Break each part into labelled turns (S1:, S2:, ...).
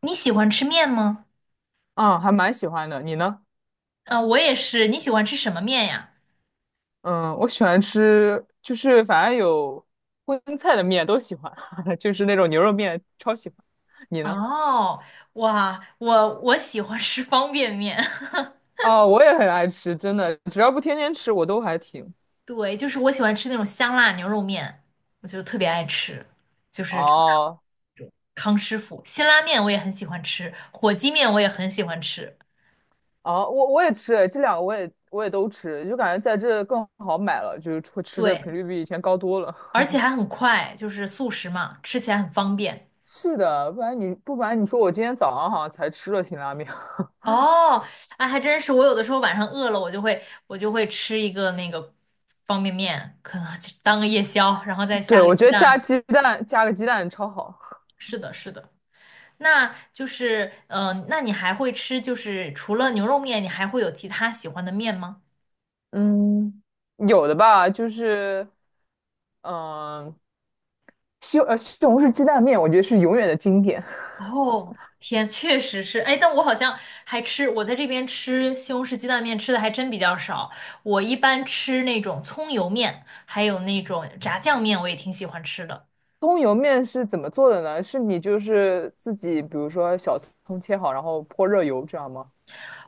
S1: 你喜欢吃面吗？
S2: 嗯，还蛮喜欢的。你呢？
S1: 啊、我也是。你喜欢吃什么面呀？
S2: 嗯，我喜欢吃，就是反正有荤菜的面都喜欢，就是那种牛肉面超喜欢。你呢？
S1: 哦，哇，我喜欢吃方便面。
S2: 啊，我也很爱吃，真的，只要不天天吃，我都还挺。
S1: 对，就是我喜欢吃那种香辣牛肉面，我就特别爱吃，就是
S2: 哦
S1: 康师傅辛拉面我也很喜欢吃，火鸡面我也很喜欢吃。
S2: 哦，我也吃，这两个我也都吃，就感觉在这更好买了，就是会吃的
S1: 对，
S2: 频率比以前高多了。
S1: 而且还很快，就是速食嘛，吃起来很方便。
S2: 是的，不然你不瞒你说我今天早上好像才吃了辛拉面。
S1: 哦，哎，还真是，我有的时候晚上饿了，我就会吃一个那个方便面，可能就当个夜宵，然后再
S2: 对，
S1: 下个
S2: 我
S1: 鸡
S2: 觉得加
S1: 蛋。
S2: 鸡蛋加个鸡蛋超好。
S1: 是的，是的，那就是，嗯、那你还会吃，就是除了牛肉面，你还会有其他喜欢的面吗？
S2: 嗯。有的吧，就是嗯，西红柿鸡蛋面，我觉得是永远的经典。
S1: 哦，天，确实是，哎，但我好像还吃，我在这边吃西红柿鸡蛋面吃的还真比较少，我一般吃那种葱油面，还有那种炸酱面，我也挺喜欢吃的。
S2: 葱油面是怎么做的呢？是你就是自己，比如说小葱切好，然后泼热油，这样吗？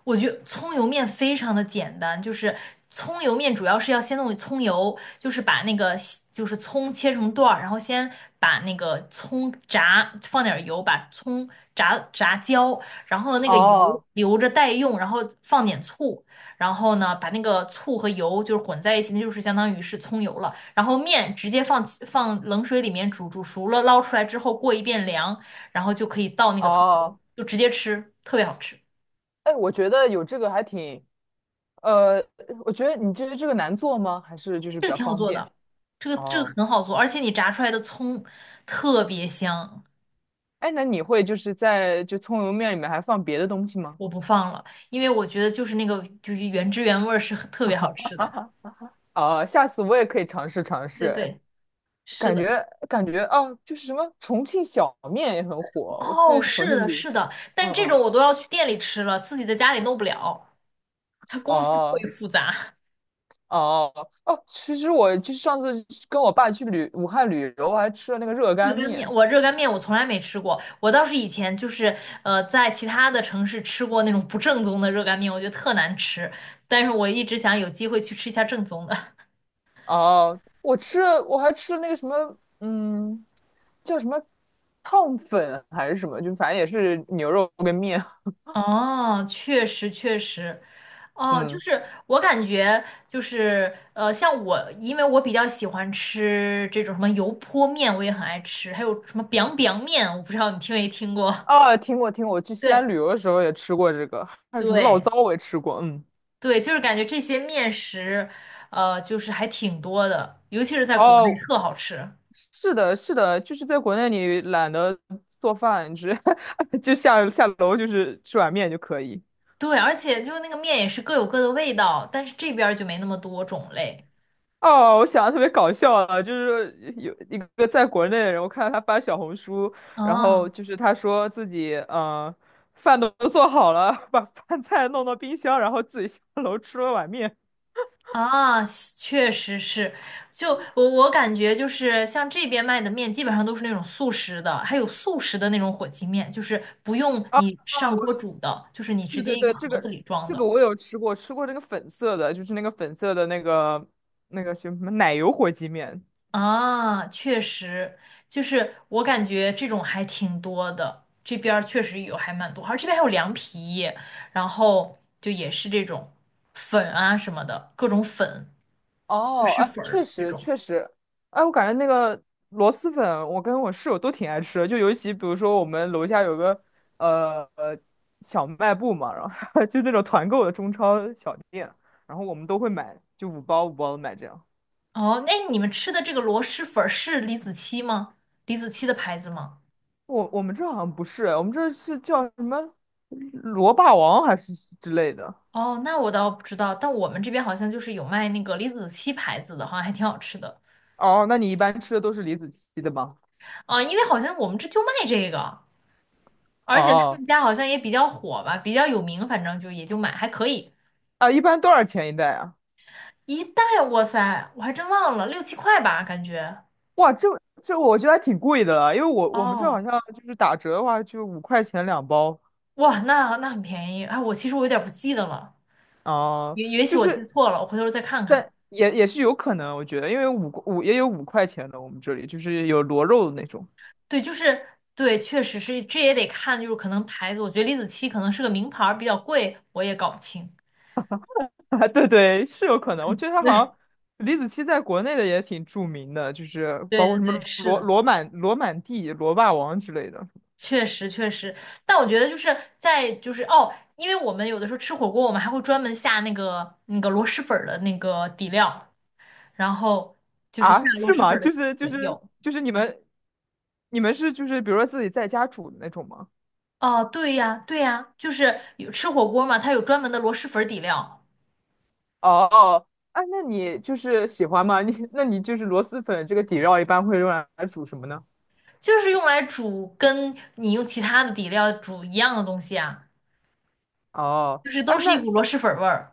S1: 我觉得葱油面非常的简单，就是葱油面主要是要先弄葱油，就是把那个就是葱切成段儿，然后先把那个葱炸，放点儿油，把葱炸炸焦，然后那个油
S2: 哦
S1: 留着待用，然后放点醋，然后呢把那个醋和油就是混在一起，那就是相当于是葱油了。然后面直接放冷水里面煮，煮熟了捞出来之后过一遍凉，然后就可以倒那个葱油，
S2: 哦，
S1: 就直接吃，特别好吃。
S2: 哎，我觉得有这个还挺，呃，我觉得你觉得这个难做吗？还是就是比
S1: 这个
S2: 较
S1: 挺好
S2: 方
S1: 做
S2: 便？
S1: 的，这个
S2: 哦，
S1: 很好做，而且你炸出来的葱特别香，
S2: 哎，那你会就是在就葱油面里面还放别的东西吗？
S1: 我不放了，因为我觉得就是那个就是原汁原味儿是很特别好吃 的。
S2: 啊，下次我也可以尝试尝试。
S1: 对
S2: 哎
S1: 对，是
S2: 感
S1: 的，
S2: 觉感觉啊，就是什么重庆小面也很火，我
S1: 哦，
S2: 是重
S1: 是
S2: 庆
S1: 的，
S2: 旅。
S1: 是的，
S2: 嗯
S1: 但这种
S2: 嗯，
S1: 我都要去店里吃了，自己在家里弄不了，它工序过于
S2: 哦
S1: 复杂。
S2: 哦哦，其实我就是上次跟我爸去旅武汉旅游，我还吃了那个热
S1: 热
S2: 干
S1: 干面，
S2: 面。
S1: 我热干面我从来没吃过，我倒是以前就是在其他的城市吃过那种不正宗的热干面，我觉得特难吃，但是我一直想有机会去吃一下正宗的。
S2: 哦，我吃了，我还吃了那个什么，嗯，叫什么烫粉还是什么，就反正也是牛肉跟面。
S1: 哦，确实确实，哦，就
S2: 嗯，
S1: 是我感觉就是，像我，因为我比较喜欢吃这种什么油泼面，我也很爱吃，还有什么 biang biang 面，我不知道你听没听过。
S2: 啊，听过听过，我去 西
S1: 对
S2: 安旅游的时候也吃过这个，还有什么醪
S1: 对
S2: 糟我也吃过。嗯，
S1: 对，就是感觉这些面食，就是还挺多的，尤其是在国内
S2: 哦，
S1: 特好吃。
S2: 是的，是的，就是在国内你懒得做饭，只 就下楼就是吃碗面就可以。
S1: 对，而且就是那个面也是各有各的味道，但是这边儿就没那么多种类。
S2: 哦，我想的特别搞笑啊，就是有一个在国内的人，我看到他发小红书，然后
S1: 嗯。
S2: 就是他说自己饭都做好了，把饭菜弄到冰箱，然后自己下楼吃了碗面。
S1: 啊，确实是，就我我感觉就是像这边卖的面，基本上都是那种速食的，还有速食的那种火鸡面，就是不用
S2: 啊，
S1: 你上锅煮的，就是你直
S2: 对
S1: 接
S2: 对
S1: 一个
S2: 对，这
S1: 盒子
S2: 个
S1: 里装
S2: 这个
S1: 的。
S2: 我有吃过，吃过这个粉色的，就是那个粉色的那个什么奶油火鸡面。
S1: 啊，确实，就是我感觉这种还挺多的，这边儿确实有还蛮多，而这边还有凉皮，然后就也是这种粉啊什么的，各种粉，就
S2: 哦，
S1: 是
S2: 哎，
S1: 粉
S2: 确
S1: 儿这
S2: 实
S1: 种。
S2: 确实，哎，我感觉那个螺蛳粉，我跟我室友都挺爱吃的，就尤其比如说我们楼下有个呃呃小卖部嘛，然后 就那种团购的中超小店，然后我们都会买，就五包五包的买这样。
S1: 哦，那你们吃的这个螺蛳粉儿是李子柒吗？李子柒的牌子吗？
S2: 我们这好像不是，我们这是叫什么螺霸王还是之类的。
S1: 哦，那我倒不知道，但我们这边好像就是有卖那个李子柒牌子的，好像还挺好吃的。
S2: 哦，那你一般吃的都是李子柒的吗？
S1: 啊、因为好像我们这就卖这个，而且他
S2: 哦，
S1: 们家好像也比较火吧，比较有名，反正就也就买还可以。
S2: 啊，一般多少钱一袋啊？
S1: 一袋，哇塞，我还真忘了，六七块吧，感觉。
S2: 哇，这这我觉得还挺贵的了，因为我们这好
S1: 哦，
S2: 像就是打折的话，就五块钱两包
S1: 哇，那那很便宜。哎，我其实我有点不记得了，
S2: 啊、
S1: 也许
S2: 就
S1: 我记
S2: 是
S1: 错了，我回头再看
S2: 但
S1: 看。
S2: 也也是有可能，我觉得，因为五五也有五块钱的，我们这里就是有螺肉的那种
S1: 对，就是对，确实是，这也得看，就是可能牌子，我觉得李子柒可能是个名牌儿，比较贵，我也搞不清。
S2: 啊对对，是有可能。我觉得 它好
S1: 对，
S2: 像李子柒在国内的也挺著名的，就是
S1: 对
S2: 包括
S1: 对
S2: 什
S1: 对，
S2: 么
S1: 是的，
S2: 罗满地、罗霸王之类的
S1: 确实确实。但我觉得就是在就是哦，因为我们有的时候吃火锅，我们还会专门下那个那个螺蛳粉儿的那个底料，然后就是下
S2: 啊，
S1: 螺
S2: 是
S1: 蛳粉
S2: 吗？
S1: 儿
S2: 就
S1: 的，
S2: 是就
S1: 对，
S2: 是
S1: 有。
S2: 就是你们就是比如说自己在家煮的那种吗？
S1: 哦，对呀，对呀，就是有吃火锅嘛，它有专门的螺蛳粉儿底料，
S2: 哦，哦，哎，那你就是喜欢吗？你那你就是螺蛳粉这个底料一般会用来煮什么呢？
S1: 就是用来煮跟你用其他的底料煮一样的东西啊。
S2: 哦，
S1: 就是都
S2: 哎，
S1: 是一
S2: 那
S1: 股螺蛳粉儿味儿。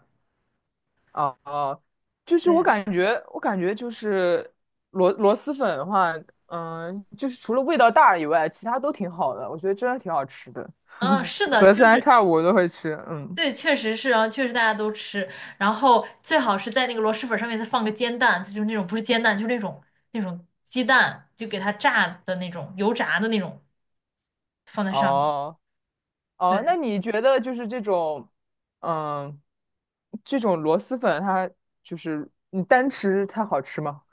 S2: 哦哦，
S1: 对，
S2: 我感觉就是螺蛳粉的话，嗯，就是除了味道大以外，其他都挺好的，我觉得真的挺好吃的，
S1: 嗯，是 的，
S2: 隔
S1: 就
S2: 三
S1: 是
S2: 差五都会吃。嗯，
S1: 对，确实是，然后确实大家都吃，然后最好是在那个螺蛳粉上面再放个煎蛋，就是那种不是煎蛋，就是那种那种鸡蛋，就给它炸的那种油炸的那种放在上面。
S2: 哦哦，那
S1: 对，
S2: 你觉得就是这种，嗯，这种螺蛳粉它就是你单吃它好吃吗？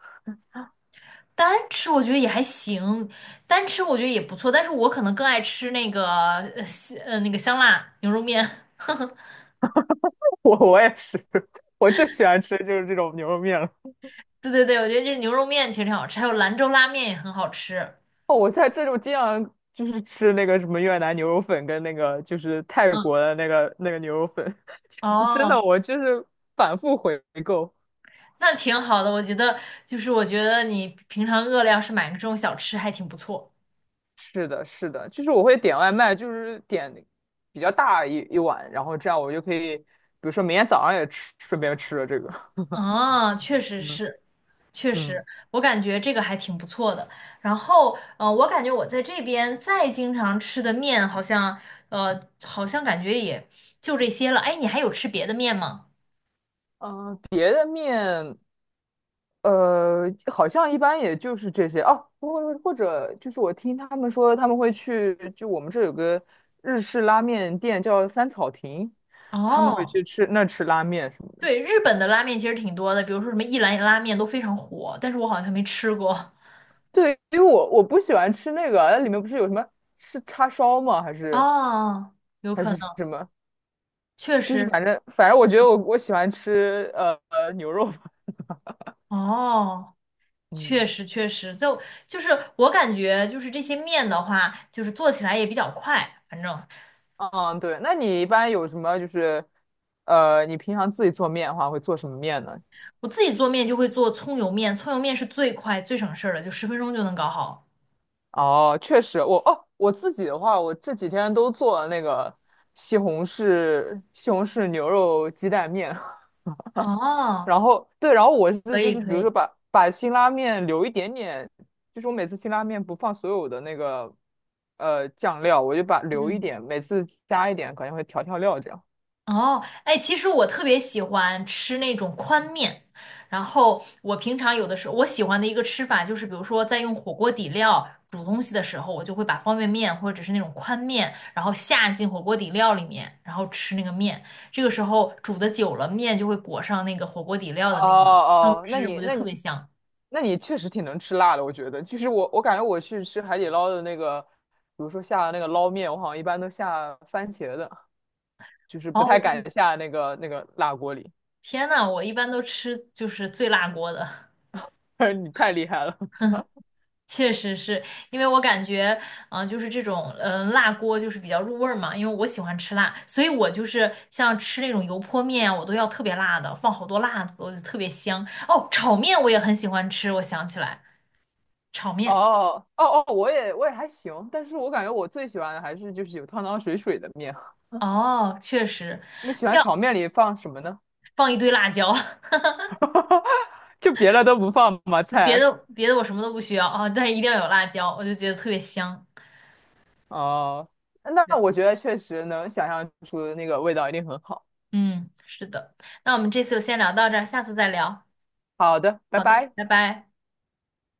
S1: 单吃我觉得也还行，单吃我觉得也不错，但是我可能更爱吃那个呃西呃那个香辣牛肉面。
S2: 我也是，我最喜欢吃的就是这种牛肉面了。
S1: 对对对，我觉得就是牛肉面其实挺好吃，还有兰州拉面也很好吃。
S2: 哦，我在这种经常就是吃那个什么越南牛肉粉跟那个就是泰
S1: 嗯，
S2: 国的那个牛肉粉，真的
S1: 哦。
S2: 我就是反复回购。
S1: 那挺好的，我觉得就是我觉得你平常饿了，要是买个这种小吃还挺不错。
S2: 是的，是的，就是我会点外卖，就是点比较大一碗，然后这样我就可以，比如说明天早上也吃，顺便吃了这个。
S1: 啊，确实
S2: 嗯
S1: 是，确实，
S2: 嗯。
S1: 我感觉这个还挺不错的。然后，我感觉我在这边再经常吃的面，好像，好像感觉也就这些了。哎，你还有吃别的面吗？
S2: 嗯，别的面。呃，好像一般也就是这些哦，或者就是我听他们说他们会去，就我们这有个日式拉面店叫三草亭，他们会
S1: 哦，
S2: 去吃吃拉面什么的。
S1: 对，日本的拉面其实挺多的，比如说什么一兰拉面都非常火，但是我好像没吃过。
S2: 对，因为我不喜欢吃那个啊，那里面不是有什么是叉烧吗？还 是
S1: 哦，有
S2: 还
S1: 可
S2: 是
S1: 能，
S2: 什么？
S1: 确
S2: 就是
S1: 实。
S2: 反正我觉得我喜欢吃牛肉吧。
S1: 哦。
S2: 嗯
S1: 确实，确实，就是我感觉，就是这些面的话，就是做起来也比较快。反正
S2: 嗯，对，那你一般有什么就是你平常自己做面的话会做什么面呢？
S1: 我自己做面就会做葱油面，葱油面是最快最省事儿的，就10分钟就能搞好。
S2: 哦，确实，我自己的话，我这几天都做了那个西红柿牛肉鸡蛋面，
S1: 哦，
S2: 然后对，然后我是
S1: 可
S2: 就
S1: 以，
S2: 是比
S1: 可
S2: 如
S1: 以，
S2: 说把辛拉面留一点点，就是我每次辛拉面不放所有的那个酱料，我就把留一
S1: 嗯。
S2: 点，每次加一点，可能会调料这样。
S1: 哦，哎，其实我特别喜欢吃那种宽面，然后我平常有的时候我喜欢的一个吃法就是，比如说在用火锅底料煮东西的时候，我就会把方便面或者是那种宽面，然后下进火锅底料里面，然后吃那个面。这个时候煮的久了，面就会裹上那个火锅底料
S2: 哦
S1: 的那个汤
S2: 哦，
S1: 汁，我觉得特别香。
S2: 那你确实挺能吃辣的，我觉得。就是我感觉我去吃海底捞的那个，比如说下的那个捞面，我好像一般都下番茄的。就是不太
S1: 哦，
S2: 敢下那个辣锅里。
S1: 天呐，我一般都吃就是最辣锅的。
S2: 你太厉害了。
S1: 哼。确实是因为我感觉，嗯、就是这种，嗯、辣锅就是比较入味儿嘛。因为我喜欢吃辣，所以我就是像吃那种油泼面啊，我都要特别辣的，放好多辣子，我就特别香。哦，炒面我也很喜欢吃，我想起来，炒 面，
S2: 哦哦哦，我也还行，但是我感觉我最喜欢的还是就是有汤汤水水的面。
S1: 哦，确实
S2: 你喜欢
S1: 要
S2: 炒面里放什么呢？
S1: 放一堆辣椒，
S2: 就别的都不放吗？
S1: 别
S2: 菜
S1: 的别的我什么都不需要啊、但是一定要有辣椒，我就觉得特别香。
S2: 哦，那
S1: 对，
S2: 我觉得确实能想象出那个味道一定很好。
S1: 嗯，是的。那我们这次就先聊到这儿，下次再聊。
S2: 好的，拜
S1: 好的，
S2: 拜。
S1: 拜拜。